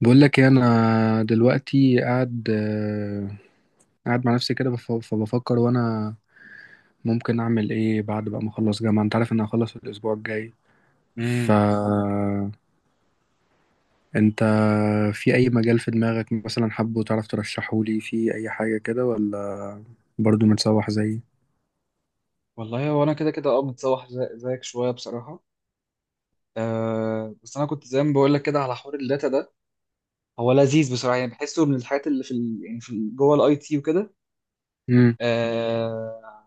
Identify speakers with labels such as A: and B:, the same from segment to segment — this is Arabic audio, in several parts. A: بقول لك ايه، انا دلوقتي قاعد مع نفسي كده فبفكر وانا ممكن اعمل ايه بعد بقى ما اخلص جامعة. انت عارف ان انا هخلص الاسبوع الجاي. ف
B: امم.
A: انت في اي مجال في دماغك مثلا حابه تعرف ترشحه لي في اي حاجة كده، ولا برضو متسوح زيي؟
B: والله هو انا كده كده اه متسوح زيك شويه بصراحه. أه بس انا كنت زي ما بقول لك كده على حوار الداتا ده، هو لذيذ بصراحه، يعني بحسه من الحاجات اللي في ال... يعني في ال- جوه الاي تي وكده.
A: امم.
B: أه،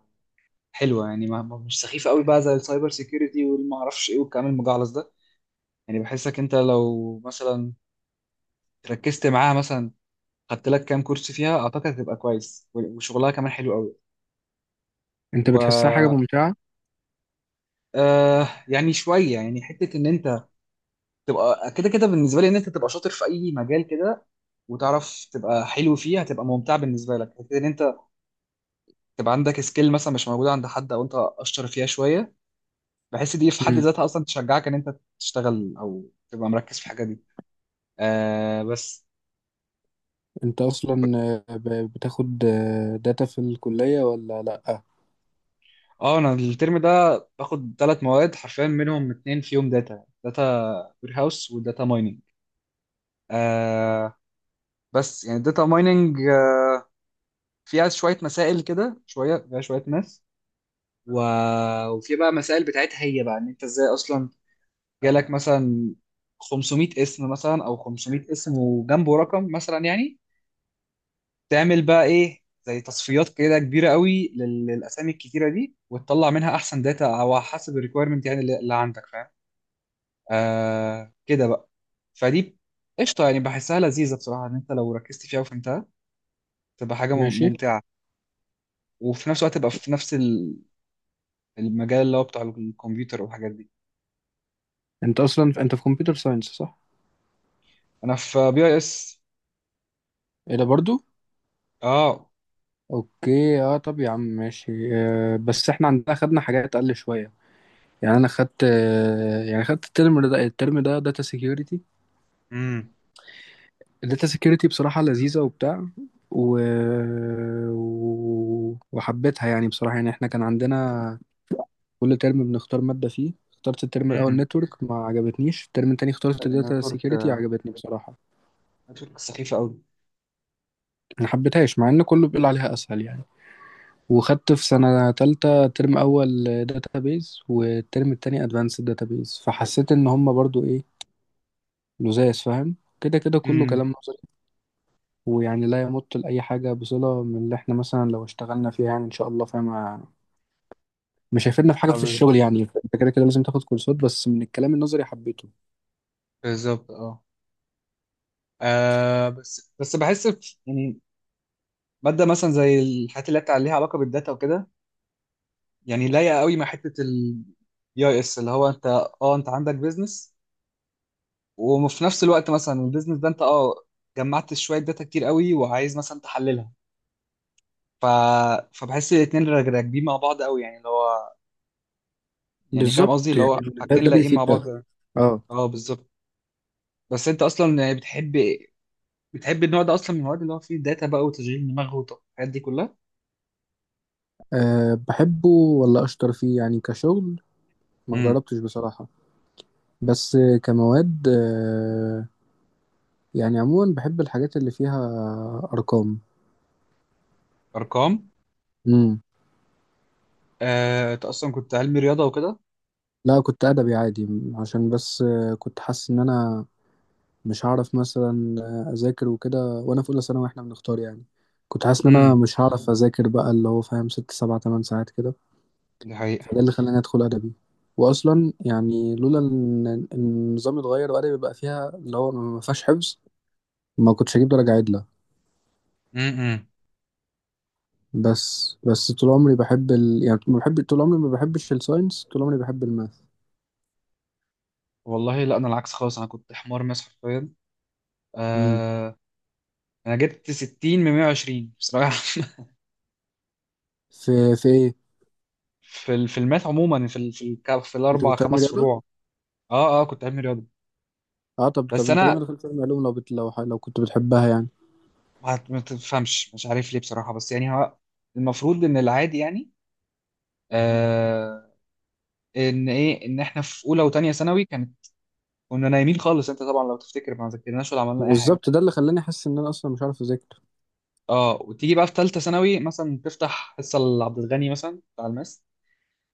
B: حلوه يعني، مش سخيفه قوي بقى زي السايبر سيكيورتي والما اعرفش ايه والكلام المجعلص ده. يعني بحسك انت لو مثلا ركزت معاها، مثلا خدت لك كام كورس فيها، اعتقد هتبقى كويس، وشغلها كمان حلو قوي.
A: انت بتحسها حاجة
B: و
A: ممتعة؟
B: أه يعني شويه، يعني حته ان انت تبقى كده كده بالنسبه لي ان انت تبقى شاطر في اي مجال كده وتعرف تبقى حلو فيه، هتبقى ممتع بالنسبه لك كده ان انت تبقى عندك سكيل مثلا مش موجوده عند حد او انت اشطر فيها شويه. بحس دي في حد
A: امم.
B: ذاتها اصلا تشجعك ان انت تشتغل او تبقى مركز في الحاجه دي. آه بس.
A: انت اصلا بتاخد داتا في الكلية ولا لا؟
B: اه انا الترم ده باخد ثلاث مواد، حرفيا منهم اتنين فيهم داتا: داتا وير هاوس وداتا مايننج. آه، بس يعني الداتا مايننج فيها شويه مسائل كده، شويه فيها شويه ماس، و... وفي بقى مسائل بتاعتها هي بقى ان انت ازاي اصلا جالك مثلا 500 اسم، مثلا او 500 اسم وجنبه رقم مثلا، يعني تعمل بقى ايه؟ زي تصفيات كده كبيره قوي للاسامي الكتيره دي، وتطلع منها احسن داتا او حسب الريكويرمنت يعني، اللي عندك، فاهم. آه كده بقى. فدي قشطه يعني، بحسها لذيذه بصراحه ان انت لو ركزت فيها وفهمتها تبقى حاجه
A: ماشي.
B: ممتعه، وفي نفس الوقت تبقى في نفس المجال اللي هو بتاع الكمبيوتر والحاجات دي.
A: انت اصلا في كمبيوتر ساينس، صح؟
B: انا في بي اي اس.
A: ايه ده برضو؟
B: اه.
A: اوكي. اه، طب يا عم ماشي، بس احنا عندنا خدنا حاجات اقل شويه. يعني انا خدت آه يعني خدت الترم ده داتا سيكيورتي.
B: امم.
A: الداتا سيكيورتي بصراحه لذيذه وبتاع، و... وحبيتها يعني بصراحه. يعني احنا كان عندنا كل ترم بنختار ماده فيه. اخترت الترم الاول
B: امم.
A: نتورك، ما عجبتنيش. الترم التاني اخترت
B: لأن
A: داتا
B: ترك،
A: سيكيورتي، عجبتني بصراحه.
B: ترك سخيفة أوي.
A: ما حبيتهاش مع ان كله بيقول عليها اسهل يعني. وخدت في سنة تالتة ترم أول داتابيز والترم التاني أدفانسد داتابيز، فحسيت إن هما برضو إيه، لزاز، فاهم كده كده كله
B: امم.
A: كلام نظري. ويعني لا يمت لأي حاجة بصلة من اللي إحنا مثلا لو اشتغلنا فيها، يعني إن شاء الله فاهم. مش هيفيدنا في حاجة
B: ما
A: في
B: بال-
A: الشغل، يعني أنت كده كده لازم تاخد كورسات. بس من الكلام النظري حبيته.
B: بالظبط اه. آه، بس بحس يعني مادة مثلا زي الحاجات اللي بتاع ليها علاقة بالداتا وكده، يعني لايقة قوي مع حتة ال اي اس، اللي هو انت اه انت عندك بيزنس وفي نفس الوقت مثلا البيزنس ده انت اه جمعت شوية داتا كتير قوي وعايز مثلا تحللها، ف... فبحس الاتنين راكبين مع بعض قوي، يعني اللي هو، يعني فاهم
A: بالظبط
B: قصدي، اللي
A: يعني.
B: هو
A: ده
B: حاجتين
A: ده
B: لايقين مع
A: بيفيد
B: بعض.
A: ده. اه.
B: اه بالظبط. بس انت اصلا يعني بتحب النوع ده اصلا من المواد اللي هو فيه داتا بقى وتشغيل دماغ والحاجات دي كلها؟
A: أه بحبه، ولا أشطر فيه يعني كشغل، ما
B: امم،
A: جربتش بصراحة. بس كمواد، يعني عموما بحب الحاجات اللي فيها ارقام.
B: ارقام.
A: امم.
B: آه، انت اصلا كنت علمي رياضه وكده؟
A: لا، كنت ادبي عادي. عشان بس كنت حاسس ان انا مش هعرف مثلا اذاكر وكده وانا في اولى ثانوي واحنا بنختار يعني. كنت حاسس ان
B: امم.
A: انا مش هعرف اذاكر بقى، اللي هو فاهم ست سبع تمن ساعات كده.
B: دي حقيقه.
A: فده اللي خلاني ادخل ادبي. واصلا يعني لولا إن النظام اتغير وادبي بقى فيها اللي هو ما فيهاش حفظ، ما كنتش هجيب درجه عدله.
B: امم.
A: بس طول عمري بحب يعني ما بحب، طول عمري ما بحبش الساينس، طول عمري بحب الماث.
B: والله لا انا العكس خالص، انا كنت حمار ماس حرفيا. آه، انا جبت 60 من 120 بصراحه.
A: في في ايه؟
B: في الماث عموما، في ال- في الك- في
A: انت
B: الاربع
A: كنت علمي
B: خمس
A: رياضه؟
B: فروع. اه اه كنت علمي رياضه.
A: اه، طب
B: بس
A: انت ليه
B: انا
A: ما دخلتش علمي علوم، لو بت... لو ح... لو كنت بتحبها يعني؟
B: ما تفهمش مش عارف ليه بصراحه، بس يعني هو المفروض ان العادي، يعني ان ايه، ان احنا في اولى وتانية ثانوي كانت، كنا نايمين خالص، انت طبعا لو تفتكر ما ذاكرناش ولا عملنا اي حاجه.
A: بالظبط، ده اللي خلاني احس ان انا اصلا مش عارف اذاكر.
B: اه، وتيجي بقى في ثالثه ثانوي مثلا، تفتح حصه لعبد الغني مثلا بتاع الماس،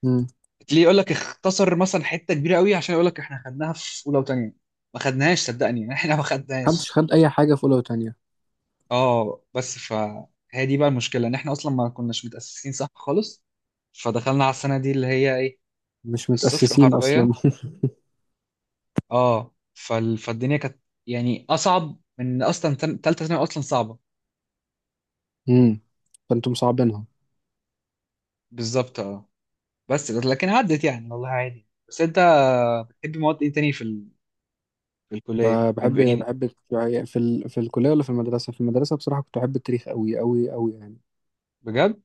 A: امم.
B: تلاقيه يقول لك اختصر مثلا حته كبيره قوي عشان يقول لك احنا خدناها في اولى وتانية. ما خدناهاش صدقني، احنا ما
A: محدش
B: خدناهاش.
A: خد اي حاجه في اولى وتانية.
B: اه، بس فهي دي بقى المشكله، ان احنا اصلا ما كناش متاسسين صح خالص، فدخلنا على السنه دي اللي هي ايه،
A: مش
B: الصفر
A: متاسسين
B: حرفيا.
A: اصلا.
B: اه فالدنيا كانت يعني اصعب من اصلا تالتة ثانوي اصلا صعبه.
A: امم. فانتم مصعبينها.
B: بالظبط اه. بس لكن عدت يعني، والله عادي. بس انت بتحب مواد ايه تاني في في
A: ب...
B: الكليه يعني
A: بحب
B: يعني؟
A: بحب في الكليه ولا في المدرسه؟ في المدرسه بصراحه كنت بحب التاريخ قوي قوي قوي يعني.
B: بجد؟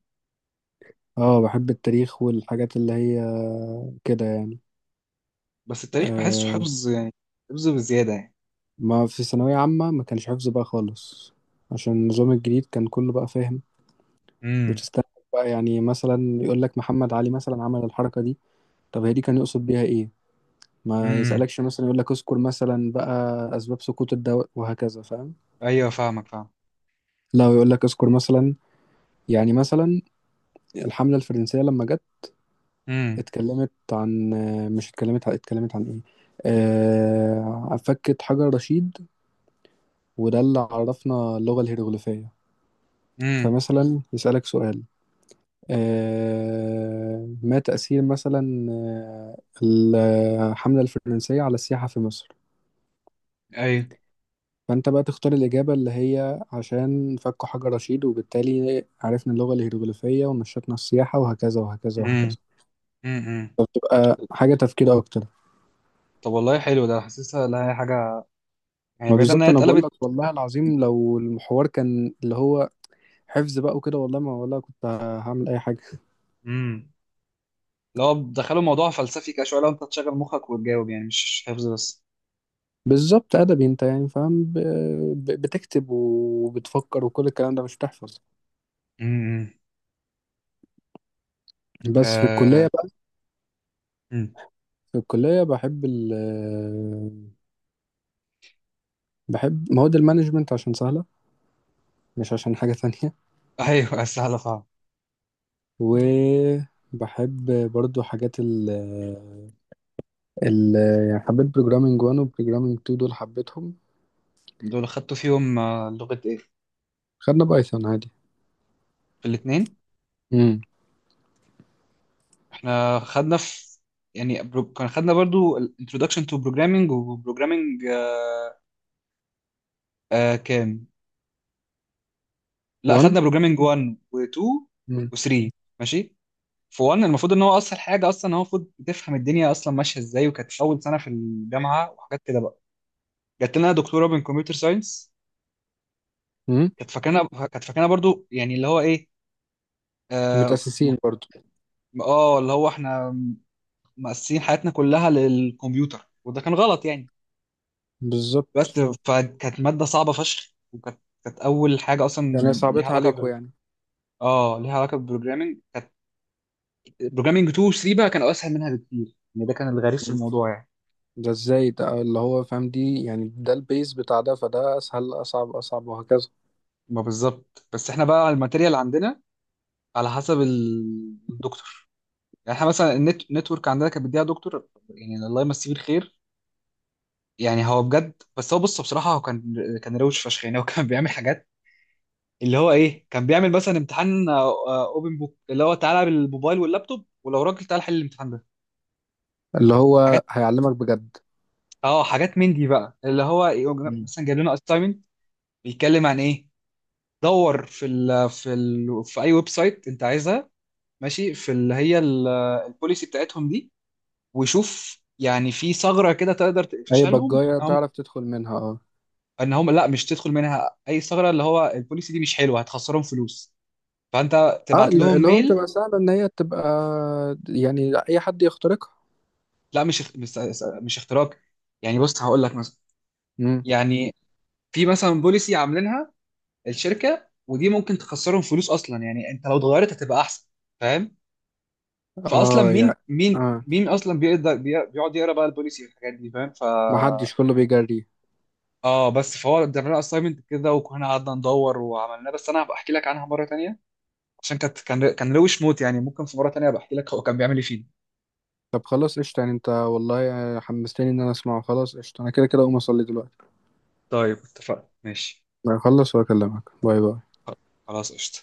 A: اه، بحب التاريخ والحاجات اللي هي كده يعني.
B: بس التاريخ بحسه
A: آه.
B: حفظ يعني، حفظ بزياده يعني.
A: ما في ثانويه عامه ما كانش حفظ بقى خالص. عشان النظام الجديد كان كله بقى فاهم.
B: امم.
A: وتستنى بقى يعني، مثلا يقول لك محمد علي مثلا عمل الحركة دي. طب هي دي كان يقصد بيها ايه؟ ما
B: امم.
A: يسألكش مثلا يقول لك اذكر مثلا بقى اسباب سقوط الدواء وهكذا فاهم.
B: ايوه فاهمك، فاهم.
A: لا، ويقول لك اذكر مثلا، يعني مثلا الحملة الفرنسية لما جت،
B: امم.
A: اتكلمت عن مش اتكلمت عن ايه، فكت حجر رشيد، وده اللي عرفنا اللغة الهيروغليفية.
B: امم.
A: فمثلا يسألك سؤال، ما تأثير مثلا الحملة الفرنسية على السياحة في مصر؟
B: ايوه.
A: فأنت بقى تختار الإجابة اللي هي عشان فكوا حجر رشيد، وبالتالي عرفنا اللغة الهيروغليفية ونشطنا السياحة وهكذا وهكذا
B: امم.
A: وهكذا.
B: امم.
A: تبقى حاجة تفكير أكتر.
B: طب والله حلو ده، حاسسها لها حاجه يعني
A: ما
B: بعيد
A: بالظبط،
B: انها
A: أنا بقول
B: اتقلبت.
A: لك والله العظيم، لو المحور كان اللي هو حفظ بقى وكده، والله ما والله كنت هعمل أي حاجة.
B: امم. لو دخلوا موضوع فلسفي كده شويه، لو انت تشغل مخك وتجاوب يعني مش حفظ بس.
A: بالظبط، أدبي أنت يعني فاهم، بتكتب وبتفكر وكل الكلام ده مش بتحفظ.
B: امم.
A: بس في
B: آه.
A: الكلية.
B: مم.
A: في الكلية بحب بحب مواد المانجمنت عشان سهلة، مش عشان حاجة تانية.
B: ايوه سهله فاهم.
A: وبحب برضو حاجات ال ال يعني حبيت بروجرامينج 1 وبروجرامينج 2، دول حبيتهم.
B: دول خدتوا فيهم آه، لغة ايه؟
A: خدنا بايثون عادي.
B: في الاتنين؟
A: امم.
B: احنا خدنا في يعني كان خدنا برضو ال- Introduction to Programming و Programming آه كام؟ لا
A: 1.
B: خدنا Programming 1 و2
A: امم.
B: و3، ماشي؟ في 1 المفروض ان هو اسهل حاجة اصلا، هو المفروض تفهم الدنيا اصلا ماشية ازاي، وكانت اول سنة في الجامعة وحاجات كده بقى. جات لنا دكتورة من كمبيوتر ساينس،
A: أمم.
B: كانت فاكرنا برضو يعني اللي هو ايه، اه م-
A: متأسسين برضو.
B: آه، اللي هو احنا مقسمين حياتنا كلها للكمبيوتر، وده كان غلط يعني. بس
A: بالظبط.
B: فكانت مادة صعبة فشخ، وكانت أول حاجة أصلا
A: يعني
B: ليها
A: صعبتها
B: علاقة
A: عليكم
B: ب
A: يعني؟
B: اه ليها علاقة بالبروجرامينج. كانت بروجرامينج 2 و 3 بقى كانوا أسهل منها بكتير يعني، ده كان الغريب في
A: أمم.
B: الموضوع يعني.
A: ده ازاي؟ ده اللي هو فاهم دي يعني، ده البيز بتاع ده، فده اسهل، اصعب اصعب وهكذا.
B: ما بالظبط، بس احنا بقى الماتيريال عندنا على حسب الدكتور يعني. احنا مثلا النت نتورك عندنا كانت بيديها دكتور، يعني الله يمسيه بالخير، يعني هو بجد، بس هو بص بصراحة هو كان روش فشخ يعني. هو كان بيعمل حاجات، اللي هو ايه، كان بيعمل مثلا امتحان اوبن بوك اللي هو تعالى بالموبايل واللابتوب، ولو راجل تعالى حل الامتحان ده.
A: اللي
B: حاجات،
A: هو هيعلمك بجد.
B: اه حاجات من دي بقى، اللي هو مثلا جايب لنا اساينمنت، بيتكلم عن ايه، دور في اي ويب سايت انت عايزها، ماشي، في اللي هي البوليسي بتاعتهم دي، وشوف يعني في ثغره كده تقدر
A: اي
B: تقفشها لهم،
A: بجاية
B: ان هم
A: تعرف تدخل منها، اه.
B: لا، مش تدخل منها اي ثغره، اللي هو البوليسي دي مش حلوه، هتخسرهم فلوس، فانت
A: اه،
B: تبعت لهم
A: اللي هو
B: ميل.
A: بتبقى سهلة ان هي تبقى، يعني اي حد يخترقها.
B: لا مش مش اختراق. يعني بص هقول لك مثلا،
A: امم.
B: يعني في مثلا بوليسي عاملينها الشركه ودي ممكن تخسرهم فلوس اصلا، يعني انت لو اتغيرت هتبقى احسن، فاهم؟ فاصلا
A: اه
B: مين،
A: يعني،
B: مين
A: اه.
B: مين اصلا بيقدر بيقعد يقرا بقى البوليسي والحاجات دي، فاهم؟ ف
A: ما حدش، كله بيجري.
B: اه بس فهو ادالنا اسايمنت كده وكنا قعدنا ندور وعملناه، بس انا هبقى احكي لك عنها مره تانية عشان كانت، كان روش موت يعني، ممكن في مره تانية ابقى احكي لك هو كان بيعمل ايه فينا.
A: طب خلاص قشطة يعني، انت والله حمستني ان انا اسمعه. خلاص قشطة، انا كده كده اقوم اصلي دلوقتي.
B: طيب اتفقنا، ماشي.
A: هخلص واكلمك. باي باي.
B: خلاص قشطه.